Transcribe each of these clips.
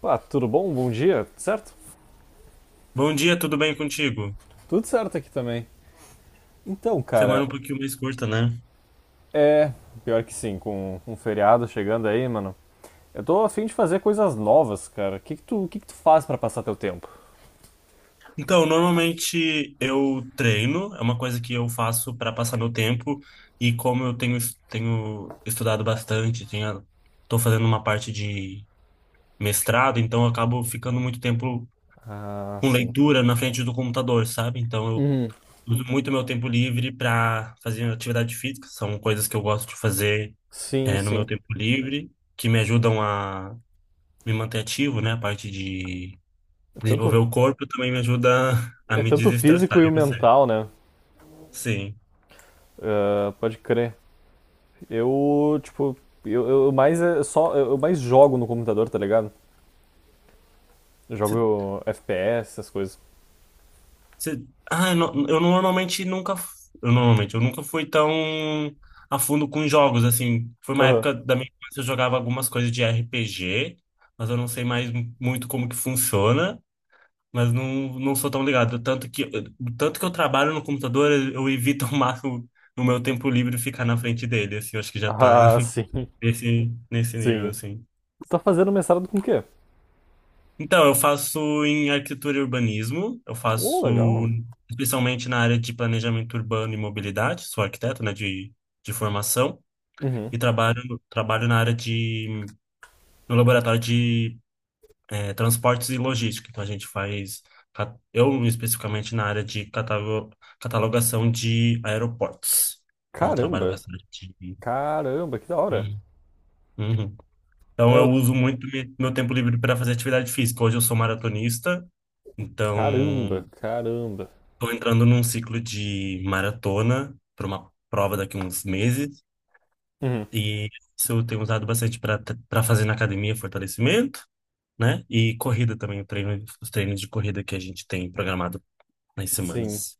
Pá, tudo bom? Bom dia, tudo certo? Bom dia, tudo bem contigo? Tudo certo aqui também. Então, Semana cara, um pouquinho mais curta, né? é. Pior que sim, com um feriado chegando aí, mano. Eu tô afim de fazer coisas novas, cara. O que que tu, o que que tu faz pra passar teu tempo? Então, normalmente eu treino, é uma coisa que eu faço para passar meu tempo, e como eu tenho estudado bastante, tenho, tô fazendo uma parte de mestrado, então eu acabo ficando muito tempo Ah, com sim. leitura na frente do computador, sabe? Então eu Hum, uso muito meu tempo livre para fazer atividade física, são coisas que eu gosto de fazer sim, é, no meu sim. tempo livre, que me ajudam a me manter ativo, né? A parte de É desenvolver tanto, o corpo também me ajuda a é me tanto o desestressar. físico e o E você? mental, né? Sim. Ah, pode crer. Eu, tipo, eu mais é só, eu mais jogo no computador, tá ligado? Eu Você, jogo FPS, essas coisas. você... Ah, eu normalmente nunca. F- eu normalmente, eu nunca fui tão a fundo com jogos, assim. Foi uma Aham. época da minha infância que eu jogava algumas coisas de RPG, mas eu não sei muito como que funciona. Mas não, não sou tão ligado. Tanto que eu trabalho no computador, eu evito ao máximo no meu tempo livre ficar na frente dele, assim. Eu acho que já tá Ah, sim, nesse nível, sim. assim. Tu tá fazendo mestrado com o quê? Então, eu faço em arquitetura e urbanismo, eu Ô, faço legal. especialmente na área de planejamento urbano e mobilidade, sou arquiteto, né, de formação, Uhum. e trabalho na no laboratório de transportes e logística. Então, a gente eu especificamente na área de catalogação de aeroportos. Então, eu trabalho Caramba. bastante. Caramba, que da hora. Uhum. Uhum. É, Então, eu eu- uso muito meu tempo livre para fazer atividade física. Hoje eu sou maratonista, então. caramba, caramba. Estou entrando num ciclo de maratona para uma prova daqui a uns meses Uhum. e isso eu tenho usado bastante para fazer na academia fortalecimento, né? E corrida também, o treino, os treinos de corrida que a gente tem programado nas Sim. semanas.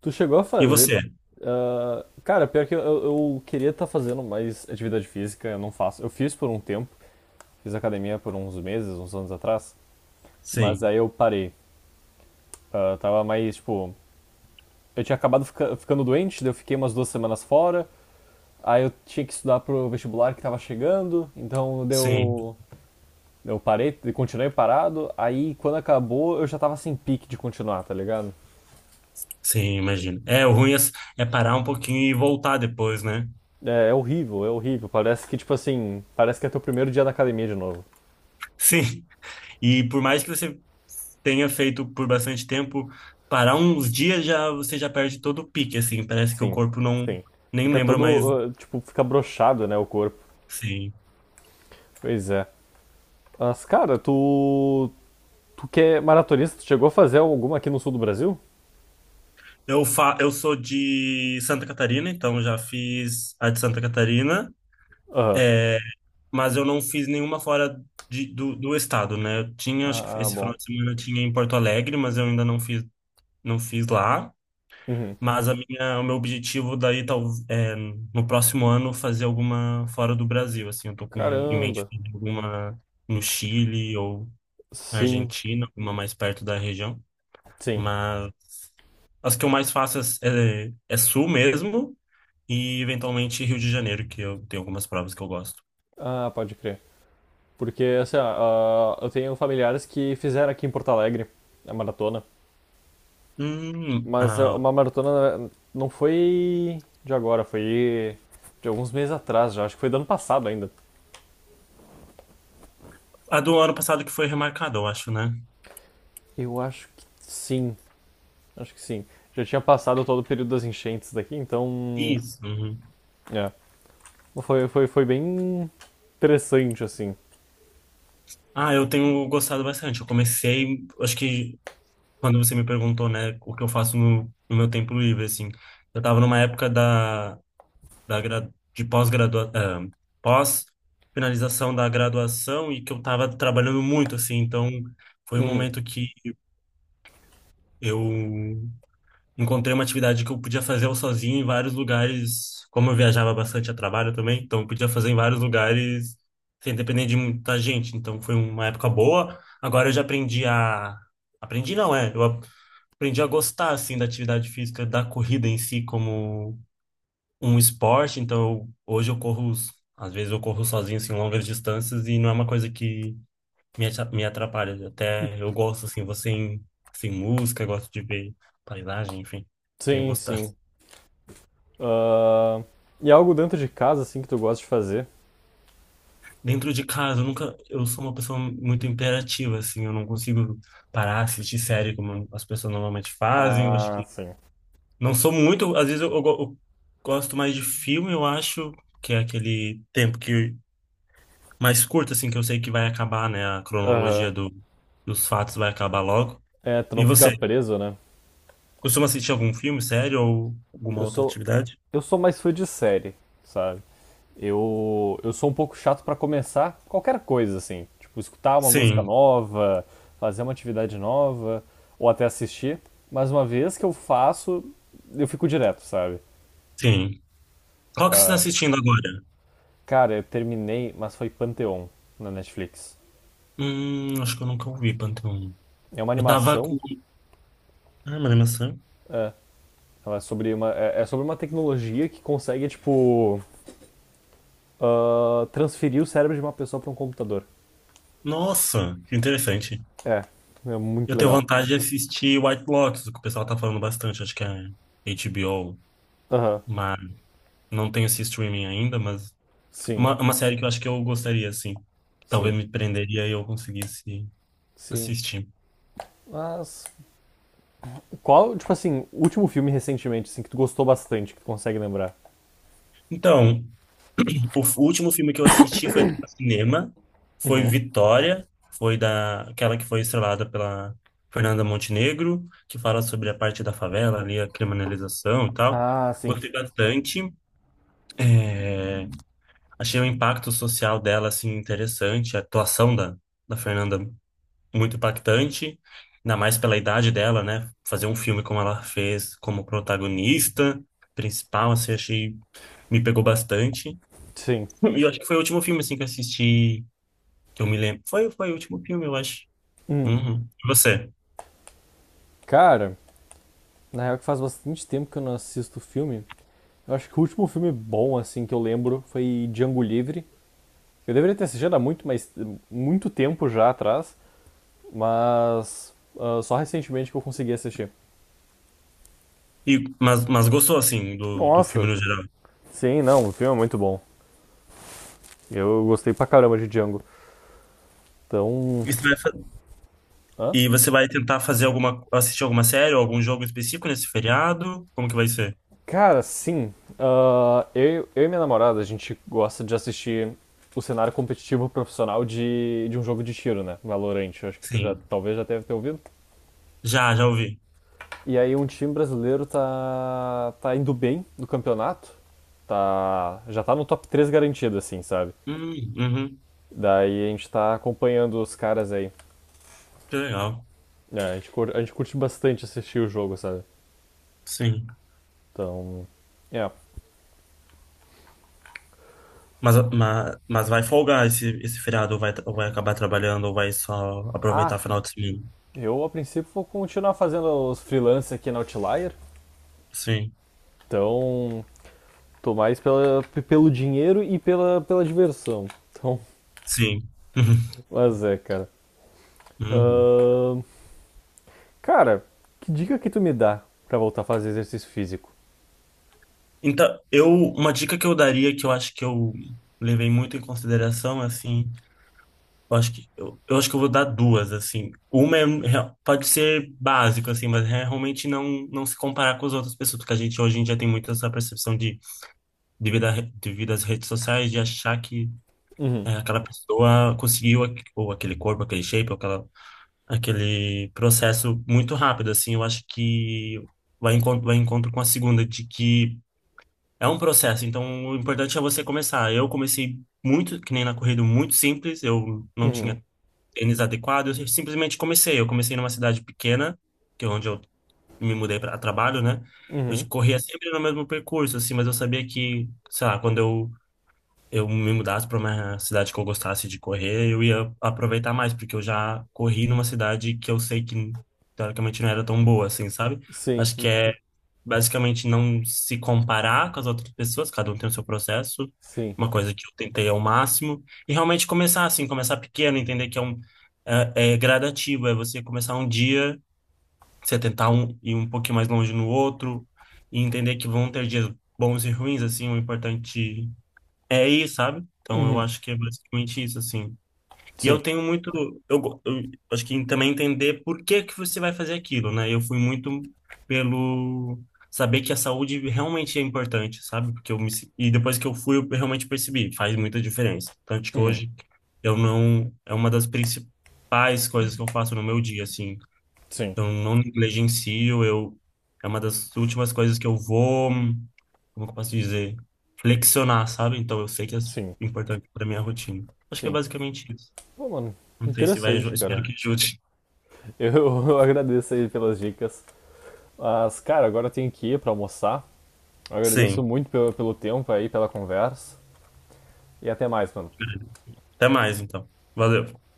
Tu chegou a E fazer. você? Ah, cara, eu queria estar fazendo mais atividade física, eu não faço. Eu fiz por um tempo, fiz academia por uns meses, uns anos atrás, mas Sim, aí eu parei. Ah, tava mais, tipo. Eu tinha acabado ficando doente, daí eu fiquei umas duas semanas fora, aí eu tinha que estudar pro vestibular que tava chegando, então sim, deu. Eu parei, continuei parado, aí quando acabou eu já tava sem pique de continuar, tá ligado? sim, imagino. É, o ruim é parar um pouquinho e voltar depois, né? É, é horrível, é horrível. Parece que, tipo assim, parece que é teu primeiro dia na academia de novo. Sim. E por mais que você tenha feito por bastante tempo, parar uns dias já você já perde todo o pique, assim, parece que o Sim, corpo não sim. nem Fica lembra mais. todo, tipo, fica brochado, né, o corpo. Sim. Pois é. Mas, cara, tu, tu que é maratonista, tu chegou a fazer alguma aqui no sul do Brasil? Eu sou de Santa Catarina, então já fiz a de Santa Catarina, Aham. é, mas eu não fiz nenhuma fora do estado, né? Eu tinha, acho que Ah, ah, esse final bom. de semana eu tinha em Porto Alegre, mas eu ainda não fiz, não fiz lá. Uhum. Mas a minha, o meu objetivo daí tal, é, no próximo ano fazer alguma fora do Brasil, assim, eu tô com em mente Caramba. fazer alguma no Chile ou na Sim, Argentina, alguma mais perto da região, sim. mas as que eu mais faço é, é sul mesmo. E eventualmente Rio de Janeiro, que eu tenho algumas provas que eu gosto. Ah, pode crer. Porque, assim, ó, eu tenho familiares que fizeram aqui em Porto Alegre a maratona. Hum, a, Mas é uma maratona, não foi de agora, foi de alguns meses atrás já. Acho que foi do ano passado ainda. a do ano passado que foi remarcada, eu acho, né? Eu acho que sim, acho que sim. Já tinha passado todo o período das enchentes daqui, então. Isso. Uhum. É. Foi, foi, foi bem interessante, assim. Ah, eu tenho gostado bastante. Eu comecei, acho que quando você me perguntou, né, o que eu faço no meu tempo livre, assim, eu tava numa época da pós-finalização da graduação e que eu tava trabalhando muito, assim, então foi um Uhum. momento que eu encontrei uma atividade que eu podia fazer eu sozinho em vários lugares, como eu viajava bastante a trabalho também, então eu podia fazer em vários lugares sem depender de muita gente. Então foi uma época boa. Agora eu já aprendi a aprendi não é, eu aprendi a gostar assim da atividade física, da corrida em si como um esporte. Então hoje eu corro, às vezes eu corro sozinho assim longas distâncias e não é uma coisa que me atrapalha. Até eu gosto assim, você sem música, gosto de ver paisagem, enfim. Tenho Sim, gostado. sim. Ah, e algo dentro de casa, assim, que tu gosta de fazer? Dentro de casa, eu nunca, eu sou uma pessoa muito imperativa, assim, eu não consigo parar, assistir série como as pessoas normalmente fazem, eu acho Ah, que sim. não sou muito, às vezes eu go- eu gosto mais de filme, eu acho, que é aquele tempo que mais curto, assim, que eu sei que vai acabar, né, a Aham. cronologia dos fatos vai acabar logo. É, tu E não ficar você, preso, né? costuma assistir algum filme, série ou alguma Eu outra sou, atividade? eu sou mais fã de série, sabe? Eu sou um pouco chato pra começar qualquer coisa, assim. Tipo, escutar uma música Sim, nova, fazer uma atividade nova, ou até assistir. Mas uma vez que eu faço, eu fico direto, sabe? sim. Qual que você está Ah, assistindo agora? cara, eu terminei, mas foi Pantheon na Netflix. Acho que eu nunca ouvi, Pantheon. É uma Eu tava com... animação, Ah, mas é maçã? é, ela é sobre uma, é, é sobre uma tecnologia que consegue, tipo, ah, transferir o cérebro de uma pessoa pra um computador. Nossa, que interessante. É, é muito Eu tenho legal. vontade de assistir White Lotus, que o pessoal tá falando bastante, acho que é HBO, Aham. mas não tenho esse streaming ainda, mas Sim, é uma série que eu acho que eu gostaria, assim. Talvez sim, me prenderia e eu conseguisse sim. assistir. Mas qual, tipo assim, último filme recentemente, assim, que tu gostou bastante, que tu consegue lembrar? Então, o último filme que eu assisti foi no cinema, foi Vitória, foi da, aquela que foi estrelada pela Fernanda Montenegro, que fala sobre a parte da favela ali, a criminalização e tal. Ah, sim, Gostei bastante. É, achei o impacto social dela, assim, interessante. A atuação da Fernanda muito impactante. Ainda mais pela idade dela, né? Fazer um filme como ela fez, como protagonista principal, assim, achei... Me pegou bastante. sim. E eu acho que foi o último filme, assim, que eu assisti, que eu me lembro. Foi, foi o último filme, eu acho. Hum, Uhum. E você? cara, na real que faz bastante tempo que eu não assisto filme. Eu acho que o último filme bom, assim, que eu lembro foi Django Livre. Eu deveria ter assistido há muito, mas muito tempo já atrás, mas ah, só recentemente que eu consegui assistir. E, mas gostou, assim, do filme Nossa, no geral? sim, não, o filme é muito bom. Eu gostei pra caramba de Django. Então, E você hã? e você vai tentar fazer alguma... Assistir alguma série ou algum jogo específico nesse feriado? Como que vai ser? Cara, sim. Ah, eu e minha namorada, a gente gosta de assistir o cenário competitivo profissional de um jogo de tiro, né? Valorant. Eu acho que tu já, Sim. talvez já deve ter ouvido. Já, já ouvi. E aí um time brasileiro tá indo bem no campeonato. Tá, já tá no top 3 garantido, assim, sabe? Uhum, Daí a gente tá acompanhando os caras aí. que legal. É, a gente curte bastante assistir o jogo, sabe? Sim. Então, é. Mas vai folgar esse feriado, ou vai acabar trabalhando, ou vai só Ah, aproveitar final de semana. eu a princípio vou continuar fazendo os freelance aqui na Outlier. Sim, Então, tô mais pela, pelo dinheiro e pela, pela diversão. Então, sim. mas é, cara. Uhum. Ahn, cara, que dica que tu me dá pra voltar a fazer exercício físico? Então, eu, uma dica que eu daria, que eu acho que eu levei muito em consideração, assim, eu acho que eu vou dar duas, assim. Uma é, pode ser básico, assim, mas é realmente não se comparar com as outras pessoas, porque a gente hoje em dia tem muito essa percepção de, devido às redes sociais, de achar que Uhum, é, aquela pessoa conseguiu ou aquele corpo, aquele shape, ou aquele processo muito rápido, assim, eu acho que vai vai encontro com a segunda, de que é um processo, então o importante é você começar. Eu comecei muito, que nem na corrida, muito simples, eu não uhum, tinha tênis adequado, eu simplesmente comecei. Eu comecei numa cidade pequena, que é onde eu me mudei para trabalho, né? Eu uhum. corria sempre no mesmo percurso, assim, mas eu sabia que, sei lá, quando eu me mudasse para uma cidade que eu gostasse de correr, eu ia aproveitar mais, porque eu já corri numa cidade que eu sei que teoricamente não era tão boa assim, sabe? Sim, Acho que é basicamente não se comparar com as outras pessoas, cada um tem o seu processo, sim. uma coisa que eu tentei ao máximo, e realmente começar assim, começar pequeno, entender que é é, é gradativo, é você começar um dia, você tentar ir um pouquinho mais longe no outro, e entender que vão ter dias bons e ruins, assim, o importante é aí, sabe? Então eu Uhum, acho que é basicamente isso, assim. E sim, eu tenho muito. Eu acho que também entender por que que você vai fazer aquilo, né? Eu fui muito pelo saber que a saúde realmente é importante, sabe? Porque eu me, se- e depois que eu fui, eu realmente percebi, faz muita diferença. Tanto que uhum, hoje eu não. É uma das principais coisas que eu faço no meu dia, assim. sim, Eu não negligencio, eu. É uma das últimas coisas que eu vou como que eu posso dizer, flexionar, sabe? Então eu sei que é sim, importante para minha rotina. Acho que é sim. basicamente isso. Pô, mano, Não sei se interessante, espero cara. que ajude. Eu, eu agradeço aí pelas dicas. Mas, cara, agora eu tenho que ir pra almoçar. Eu agradeço Sim. muito pelo, pelo tempo aí, pela conversa. E até mais, mano. Até mais, então. Valeu.